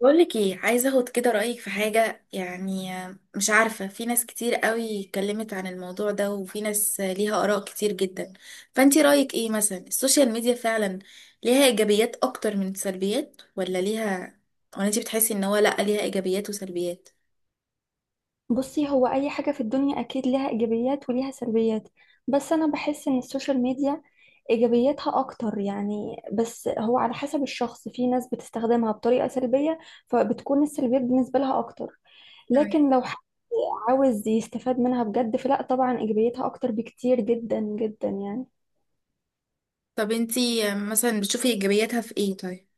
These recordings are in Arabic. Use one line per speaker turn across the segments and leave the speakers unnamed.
بقولك ايه، عايزه اخد كده رايك في حاجه، مش عارفه. في ناس كتير قوي اتكلمت عن الموضوع ده، وفي ناس ليها اراء كتير جدا. فانتي رايك ايه؟ مثلا السوشيال ميديا فعلا ليها ايجابيات اكتر من سلبيات، ولا ليها، ولا انتي بتحسي ان هو لا ليها ايجابيات وسلبيات؟
بصي، هو أي حاجة في الدنيا أكيد لها إيجابيات وليها سلبيات. بس أنا بحس إن السوشيال ميديا إيجابياتها أكتر يعني. بس هو على حسب الشخص، في ناس بتستخدمها بطريقة سلبية فبتكون السلبيات بالنسبة لها أكتر.
تمام.
لكن لو حد عاوز يستفاد منها بجد فلا، طبعا إيجابياتها أكتر بكتير جدا جدا يعني.
طب انتي مثلا بتشوفي ايجابياتها في ايه طيب؟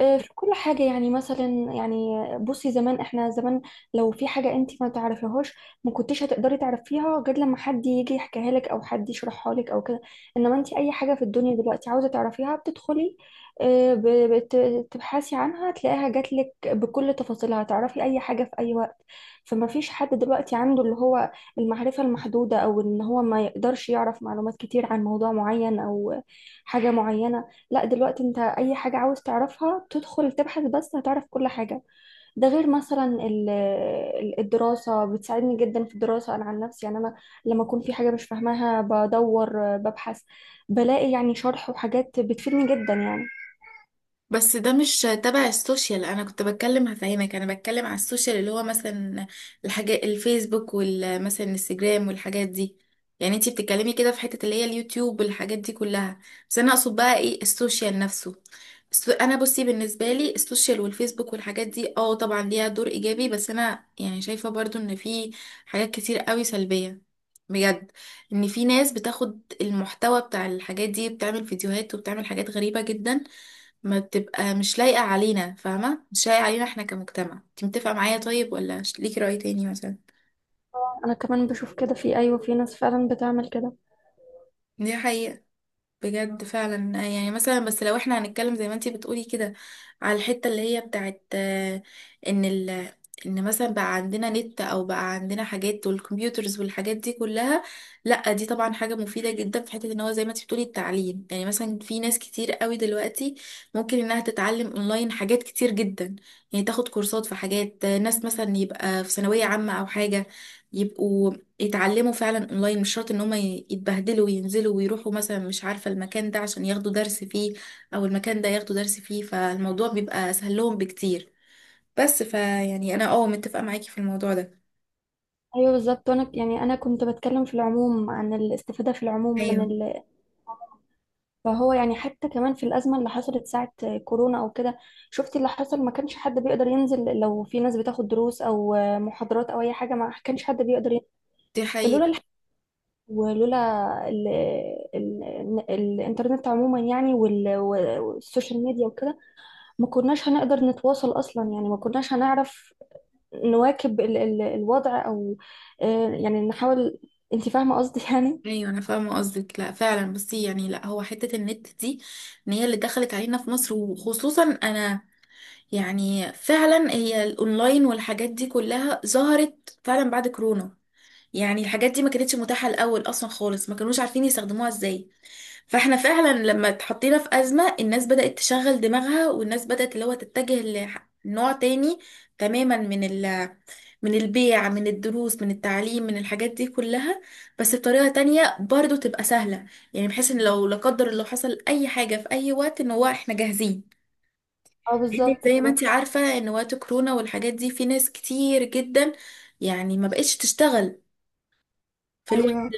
في كل حاجة يعني، مثلا يعني، بصي، زمان احنا لو في حاجة انت ما تعرفيهاش ما كنتش هتقدري تعرفيها غير لما حد يجي يحكيها لك او حد يشرحها لك او كده. انما انت اي حاجة في الدنيا دلوقتي عاوزة تعرفيها بتدخلي، آه، ب- بتبحثي عنها تلاقيها جات لك بكل تفاصيلها، تعرفي اي حاجة في اي وقت. فما فيش حد دلوقتي عنده اللي هو المعرفة المحدودة، او ان هو ما يقدرش يعرف معلومات كتير عن موضوع معين او حاجة معينة. لا، دلوقتي انت اي حاجة عاوز تعرفها تدخل تبحث بس هتعرف كل حاجة. ده غير مثلا الدراسة. بتساعدني جدا في الدراسة انا عن نفسي يعني. انا لما اكون في حاجة مش فاهماها بدور، ببحث، بلاقي يعني شرح وحاجات بتفيدني جدا يعني.
بس ده مش تبع السوشيال، انا كنت بتكلم هفهمك، انا بتكلم على السوشيال اللي هو مثلا الحاجات الفيسبوك، والمثلا الانستجرام، والحاجات دي. يعني انتي بتتكلمي كده في حتة اللي هي اليوتيوب والحاجات دي كلها، بس انا اقصد بقى ايه السوشيال نفسه. انا بصي بالنسبة لي السوشيال والفيسبوك والحاجات دي، اه طبعا ليها دور ايجابي، بس انا شايفة برضو ان في حاجات كتير قوي سلبية بجد. ان في ناس بتاخد المحتوى بتاع الحاجات دي، بتعمل فيديوهات وبتعمل حاجات غريبة جدا، ما تبقى مش لايقة علينا، فاهمة، مش لايقة علينا احنا كمجتمع. انت متفقة معايا طيب، ولا ليكي رأي تاني مثلا؟
انا كمان بشوف كده. في، ايوه، في ناس فعلا بتعمل كده.
دي حقيقة بجد فعلا. مثلا بس لو احنا هنتكلم زي ما انتي بتقولي كده على الحتة اللي هي بتاعت ان ال ان مثلا بقى عندنا نت، او بقى عندنا حاجات والكمبيوترز والحاجات دي كلها، لا دي طبعا حاجة مفيدة جدا في حتة ان هو زي ما انتي بتقولي التعليم. مثلا في ناس كتير قوي دلوقتي ممكن انها تتعلم اونلاين حاجات كتير جدا. يعني تاخد كورسات في حاجات، ناس مثلا يبقى في ثانوية عامة او حاجة، يبقوا يتعلموا فعلا اونلاين، مش شرط ان هم يتبهدلوا وينزلوا ويروحوا مثلا، مش عارفة، المكان ده عشان ياخدوا درس فيه، او المكان ده ياخدوا درس فيه، فالموضوع بيبقى سهل لهم بكتير. بس انا اه متفقة معاكي في الموضوع ده.
ايوه بالظبط. وانا يعني، انا كنت بتكلم في العموم عن الاستفادة في العموم من
ايوه.
فهو يعني. حتى كمان في الأزمة اللي حصلت ساعة كورونا أو كده، شفتي اللي حصل؟ ما كانش حد بيقدر ينزل. لو في ناس بتاخد دروس أو محاضرات أو أي حاجة، ما كانش حد بيقدر ينزل.
دي
فلولا
حقيقة.
الح... ولولا ال... ال... الإنترنت عموما يعني، وال... والسوشيال ميديا وكده، ما كناش هنقدر نتواصل أصلا يعني. ما كناش هنعرف نواكب الوضع، أو يعني نحاول. أنت فاهمة قصدي يعني.
ايوه انا فاهمة قصدك. لا فعلا بصي، لا هو حتة النت دي ان هي اللي دخلت علينا في مصر، وخصوصا انا فعلا، هي الاونلاين والحاجات دي كلها ظهرت فعلا بعد كورونا. يعني الحاجات دي ما كانتش متاحة الأول أصلا خالص، ما كانوش عارفين يستخدموها ازاي. فاحنا فعلا لما اتحطينا في أزمة، الناس بدأت تشغل دماغها، والناس بدأت اللي هو تتجه لنوع تاني تماما من من البيع، من الدروس، من التعليم، من الحاجات دي كلها، بس بطريقة تانية برضو تبقى سهلة. يعني بحيث ان لو لا قدر الله حصل أي حاجة في أي وقت، ان هو احنا جاهزين.
اه
لأن
بالظبط
زي ما
كده.
انت عارفة ان وقت كورونا والحاجات دي في ناس كتير جدا يعني ما بقتش تشتغل في الوقت.
ايوه.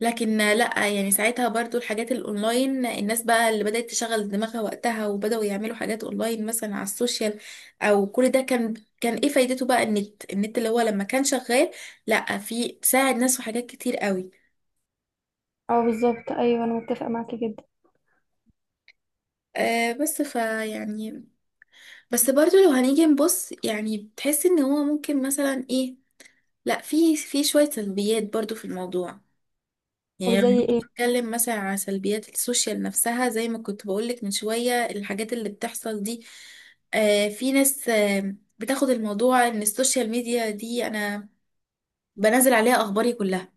لكن لا يعني ساعتها برضو الحاجات الاونلاين، الناس بقى اللي بدأت تشغل دماغها وقتها، وبدأوا يعملوا حاجات اونلاين مثلا على السوشيال، او كل ده، كان ايه فايدته بقى النت، اللي هو لما كان شغال، لا في ساعد ناس في حاجات كتير قوي.
اه بالظبط. ايوه انا متفقة معاكي جدا.
آه بس بس برضو لو هنيجي نبص، يعني بتحس ان هو ممكن مثلا ايه، لا في في شوية سلبيات برضو في الموضوع.
طب
يعني لما
زي
كنت
ايه؟
بتتكلم مثلا على سلبيات السوشيال نفسها، زي ما كنت بقولك من شوية الحاجات اللي بتحصل دي. آه في ناس آه بتاخد الموضوع ان السوشيال ميديا دي، انا بنزل عليها اخباري كلها،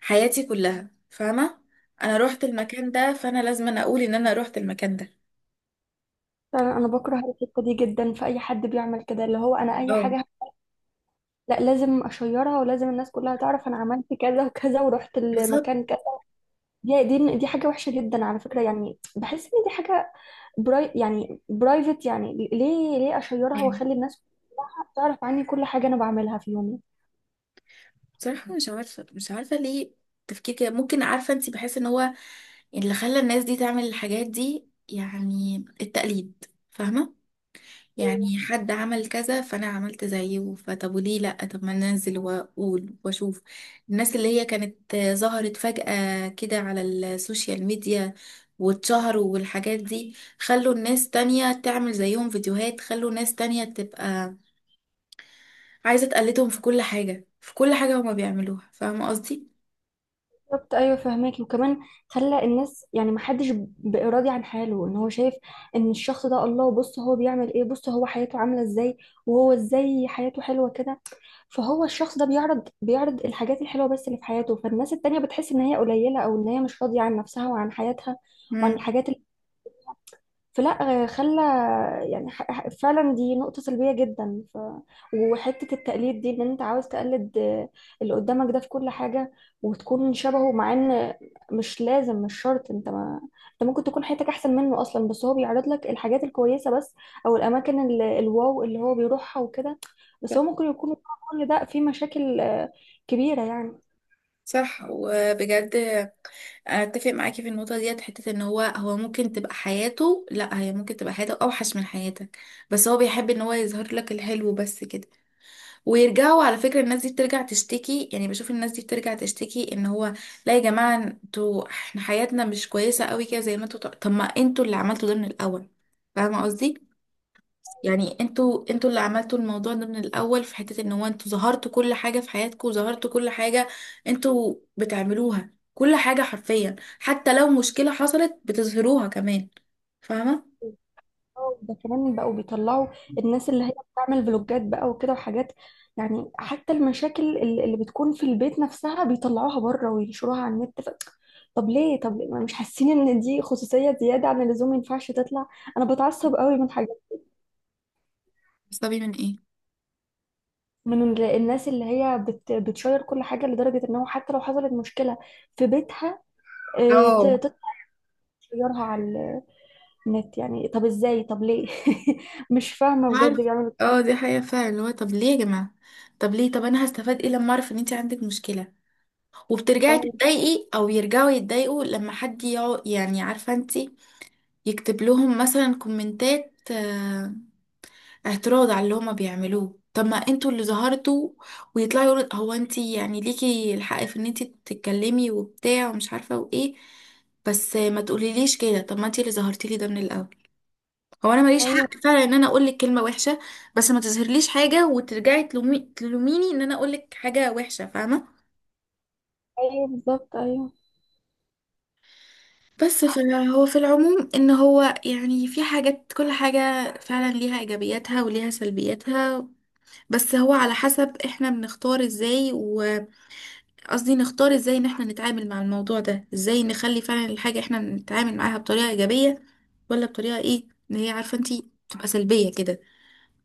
حياتي كلها، فاهمة. انا روحت المكان ده فانا لازم أنا اقول ان انا روحت المكان ده.
فعلا انا بكره الحته دي جدا في اي حد بيعمل كده، اللي هو: انا اي
اه
حاجه لا لازم اشيرها، ولازم الناس كلها تعرف انا عملت كذا وكذا ورحت
بالظبط.
المكان كذا. دي حاجه وحشه جدا على فكره يعني. بحس ان دي حاجه براي، يعني برايفت. يعني ليه؟ ليه اشيرها
يعني
واخلي الناس كلها تعرف عني كل حاجه انا بعملها في يومي؟
بصراحة مش عارفة، ليه تفكير كده؟ ممكن عارفة انت بحس ان هو اللي خلى الناس دي تعمل الحاجات دي يعني التقليد، فاهمة. يعني حد عمل كذا فانا عملت زيه، فطب وليه لا، طب ما ننزل واقول واشوف. الناس اللي هي كانت ظهرت فجأة كده على السوشيال ميديا واتشهروا والحاجات دي، خلوا الناس تانية تعمل زيهم فيديوهات، خلوا ناس تانية تبقى عايزة تقلدهم في كل حاجة، في كل حاجة هما بيعملوها، فاهمة قصدي؟
بالظبط. ايوه فهماك. وكمان خلى الناس، يعني، ما حدش بقى راضي عن حاله. ان هو شايف ان الشخص ده، الله، بص هو بيعمل ايه، بص هو حياته عامله ازاي، وهو ازاي حياته حلوه كده. فهو الشخص ده بيعرض الحاجات الحلوه بس اللي في حياته، فالناس التانية بتحس ان هي قليله، او ان هي مش راضيه عن نفسها وعن حياتها وعن
مم.
الحاجات. فلا، آه، خلى يعني ح- ح- فعلا دي نقطة سلبية جدا وحتة التقليد دي، ان انت عاوز تقلد اللي قدامك ده في كل حاجة وتكون شبهه، مع ان مش لازم، مش شرط. انت ما... انت ممكن تكون حياتك احسن منه اصلا، بس هو بيعرض لك الحاجات الكويسة بس، او الاماكن ال... الواو اللي هو بيروحها وكده. بس هو ممكن يكون ورا كل ده في مشاكل كبيرة يعني.
صح وبجد اتفق معاكي في النقطه ديت، حته ان هو هو ممكن تبقى حياته، لا هي ممكن تبقى حياته اوحش من حياتك، بس هو بيحب ان هو يظهر لك الحلو بس كده. ويرجعوا على فكره الناس دي بترجع تشتكي، يعني بشوف الناس دي بترجع تشتكي ان هو لا يا جماعه انتوا، احنا حياتنا مش كويسه قوي كده زي ما انتوا. طب ما انتوا اللي عملتوا ده من الاول، فاهمه قصدي؟ انتوا اللي عملتوا الموضوع ده من الاول في حتة ان هو انتوا ظهرتوا كل حاجة في حياتكم، وظهرتوا كل حاجة انتوا بتعملوها، كل حاجة حرفيا، حتى لو مشكلة حصلت بتظهروها كمان، فاهمة.
اه ده كمان، بقوا بيطلعوا الناس اللي هي بتعمل فلوجات بقى وكده وحاجات. يعني حتى المشاكل اللي بتكون في البيت نفسها بيطلعوها بره وينشروها على النت طب ليه؟ طب ليه؟ ما مش حاسين ان دي خصوصية زيادة عن اللزوم؟ ما ينفعش تطلع. انا بتعصب قوي من حاجات،
بتستفي من ايه؟
من الناس اللي هي بتشير كل حاجة، لدرجة ان هو حتى لو حصلت مشكلة في بيتها،
اه.
تطلع تشيرها على النت. يعني طب ازاي؟ طب ليه؟ مش فاهمة بجد
عارف.
بيعملوا
اه دي حقيقة فعلا اللي هو طب ليه يا جماعة؟ طب ليه؟ طب انا هستفاد ايه لما اعرف ان انت عندك مشكلة، وبترجعي تتضايقي، او يرجعوا يتضايقوا لما حد يقعد، يعني عارفة انت، يكتب لهم مثلا كومنتات اعتراض على اللي هما بيعملوه. طب ما انتوا اللي ظهرتوا، ويطلعوا يقولوا هو انتي يعني ليكي الحق في ان انتي تتكلمي وبتاع ومش عارفه وايه، بس ما تقوليليش كده. طب ما انتي اللي ظهرتي لي ده من الاول. هو انا ماليش
ايوه.
حق فعلا ان انا اقول لك كلمه وحشه، بس ما تظهرليش حاجه وترجعي تلوميني ان انا اقول لك حاجه وحشه، فاهمه.
ايوه بالظبط. ايوه.
بس فهو في العموم ان هو يعني في حاجات، كل حاجه فعلا ليها ايجابياتها وليها سلبياتها، بس هو على حسب احنا بنختار ازاي قصدي نختار ازاي ان احنا نتعامل مع الموضوع ده. ازاي نخلي فعلا الحاجة احنا نتعامل معاها بطريقة ايجابية، ولا بطريقة ايه ان هي عارفة انتي تبقى سلبية كده،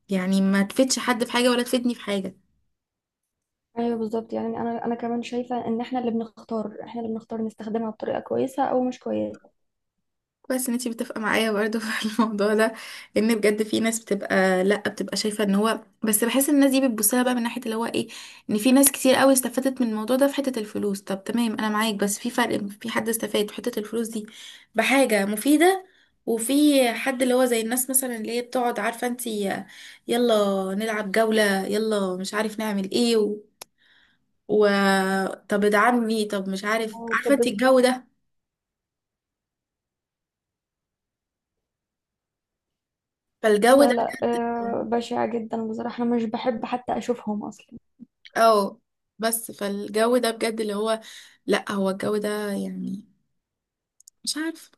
يعني ما تفيدش حد في حاجة ولا تفيدني في حاجة.
ايوه بالظبط. يعني انا، انا كمان شايفه ان احنا اللي بنختار، احنا اللي بنختار نستخدمها بطريقه كويسه او مش كويسه.
كويس ان انتي متفقه معايا برضه في الموضوع ده. لان بجد في ناس بتبقى لا بتبقى شايفه ان هو، بس بحس ان الناس دي بتبص لها بقى من ناحيه اللي هو ايه، ان في ناس كتير قوي استفادت من الموضوع ده في حته الفلوس. طب تمام انا معاك، بس في فرق في حد استفاد في حته الفلوس دي بحاجه مفيده، وفي حد اللي هو زي الناس مثلا اللي هي بتقعد عارفه انتي، يلا نلعب جوله، يلا مش عارف نعمل ايه و... طب ادعمني، طب مش عارف،
اه
عارفه
طب
انتي
بس.
الجو ده. فالجو
لا
ده
لا،
بجد،
بشعة جدا بصراحه. انا مش بحب حتى اشوفهم اصلا.
اه بس فالجو ده بجد اللي هو، لا هو الجو ده يعني مش عارف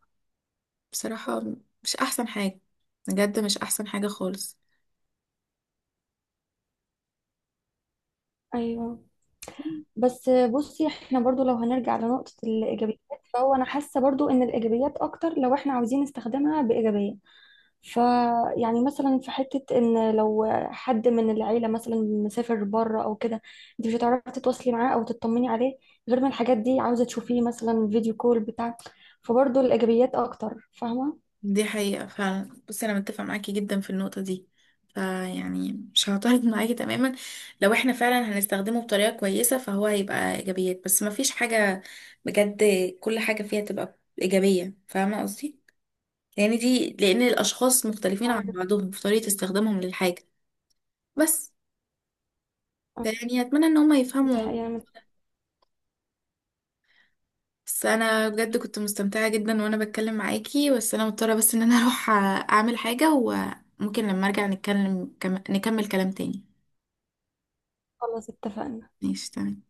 بصراحة مش احسن حاجة، بجد مش احسن حاجة خالص.
ايوه. بس بصي، احنا برضو لو هنرجع لنقطه الايجابيات، فهو انا حاسه برضو ان الايجابيات اكتر لو احنا عاوزين نستخدمها بايجابيه. فيعني مثلا في حتة ان لو حد من العيلة مثلا مسافر بره او كده، انت مش هتعرفي تتواصلي معاه او تطمني عليه غير ما الحاجات دي، عاوزة تشوفيه مثلا فيديو كول بتاع. فبرضه الايجابيات اكتر، فاهمة.
دي حقيقة فعلا بصي، انا متفق معاكي جدا في النقطة دي. مش هعترض معاكي تماما، لو احنا فعلا هنستخدمه بطريقة كويسة فهو هيبقى ايجابيات. بس مفيش حاجة بجد كل حاجة فيها تبقى ايجابية، فاهمة قصدي؟ لان لان الاشخاص مختلفين عن
اه
بعضهم في طريقة استخدامهم للحاجة، بس اتمنى ان هم
ده
يفهموا.
حقيقة.
بس انا بجد كنت مستمتعة جدا وانا بتكلم معاكي، بس انا مضطرة ان انا اروح اعمل حاجة، وممكن لما ارجع نتكلم نكمل كلام تاني.
خلاص اتفقنا.
ماشي تمام.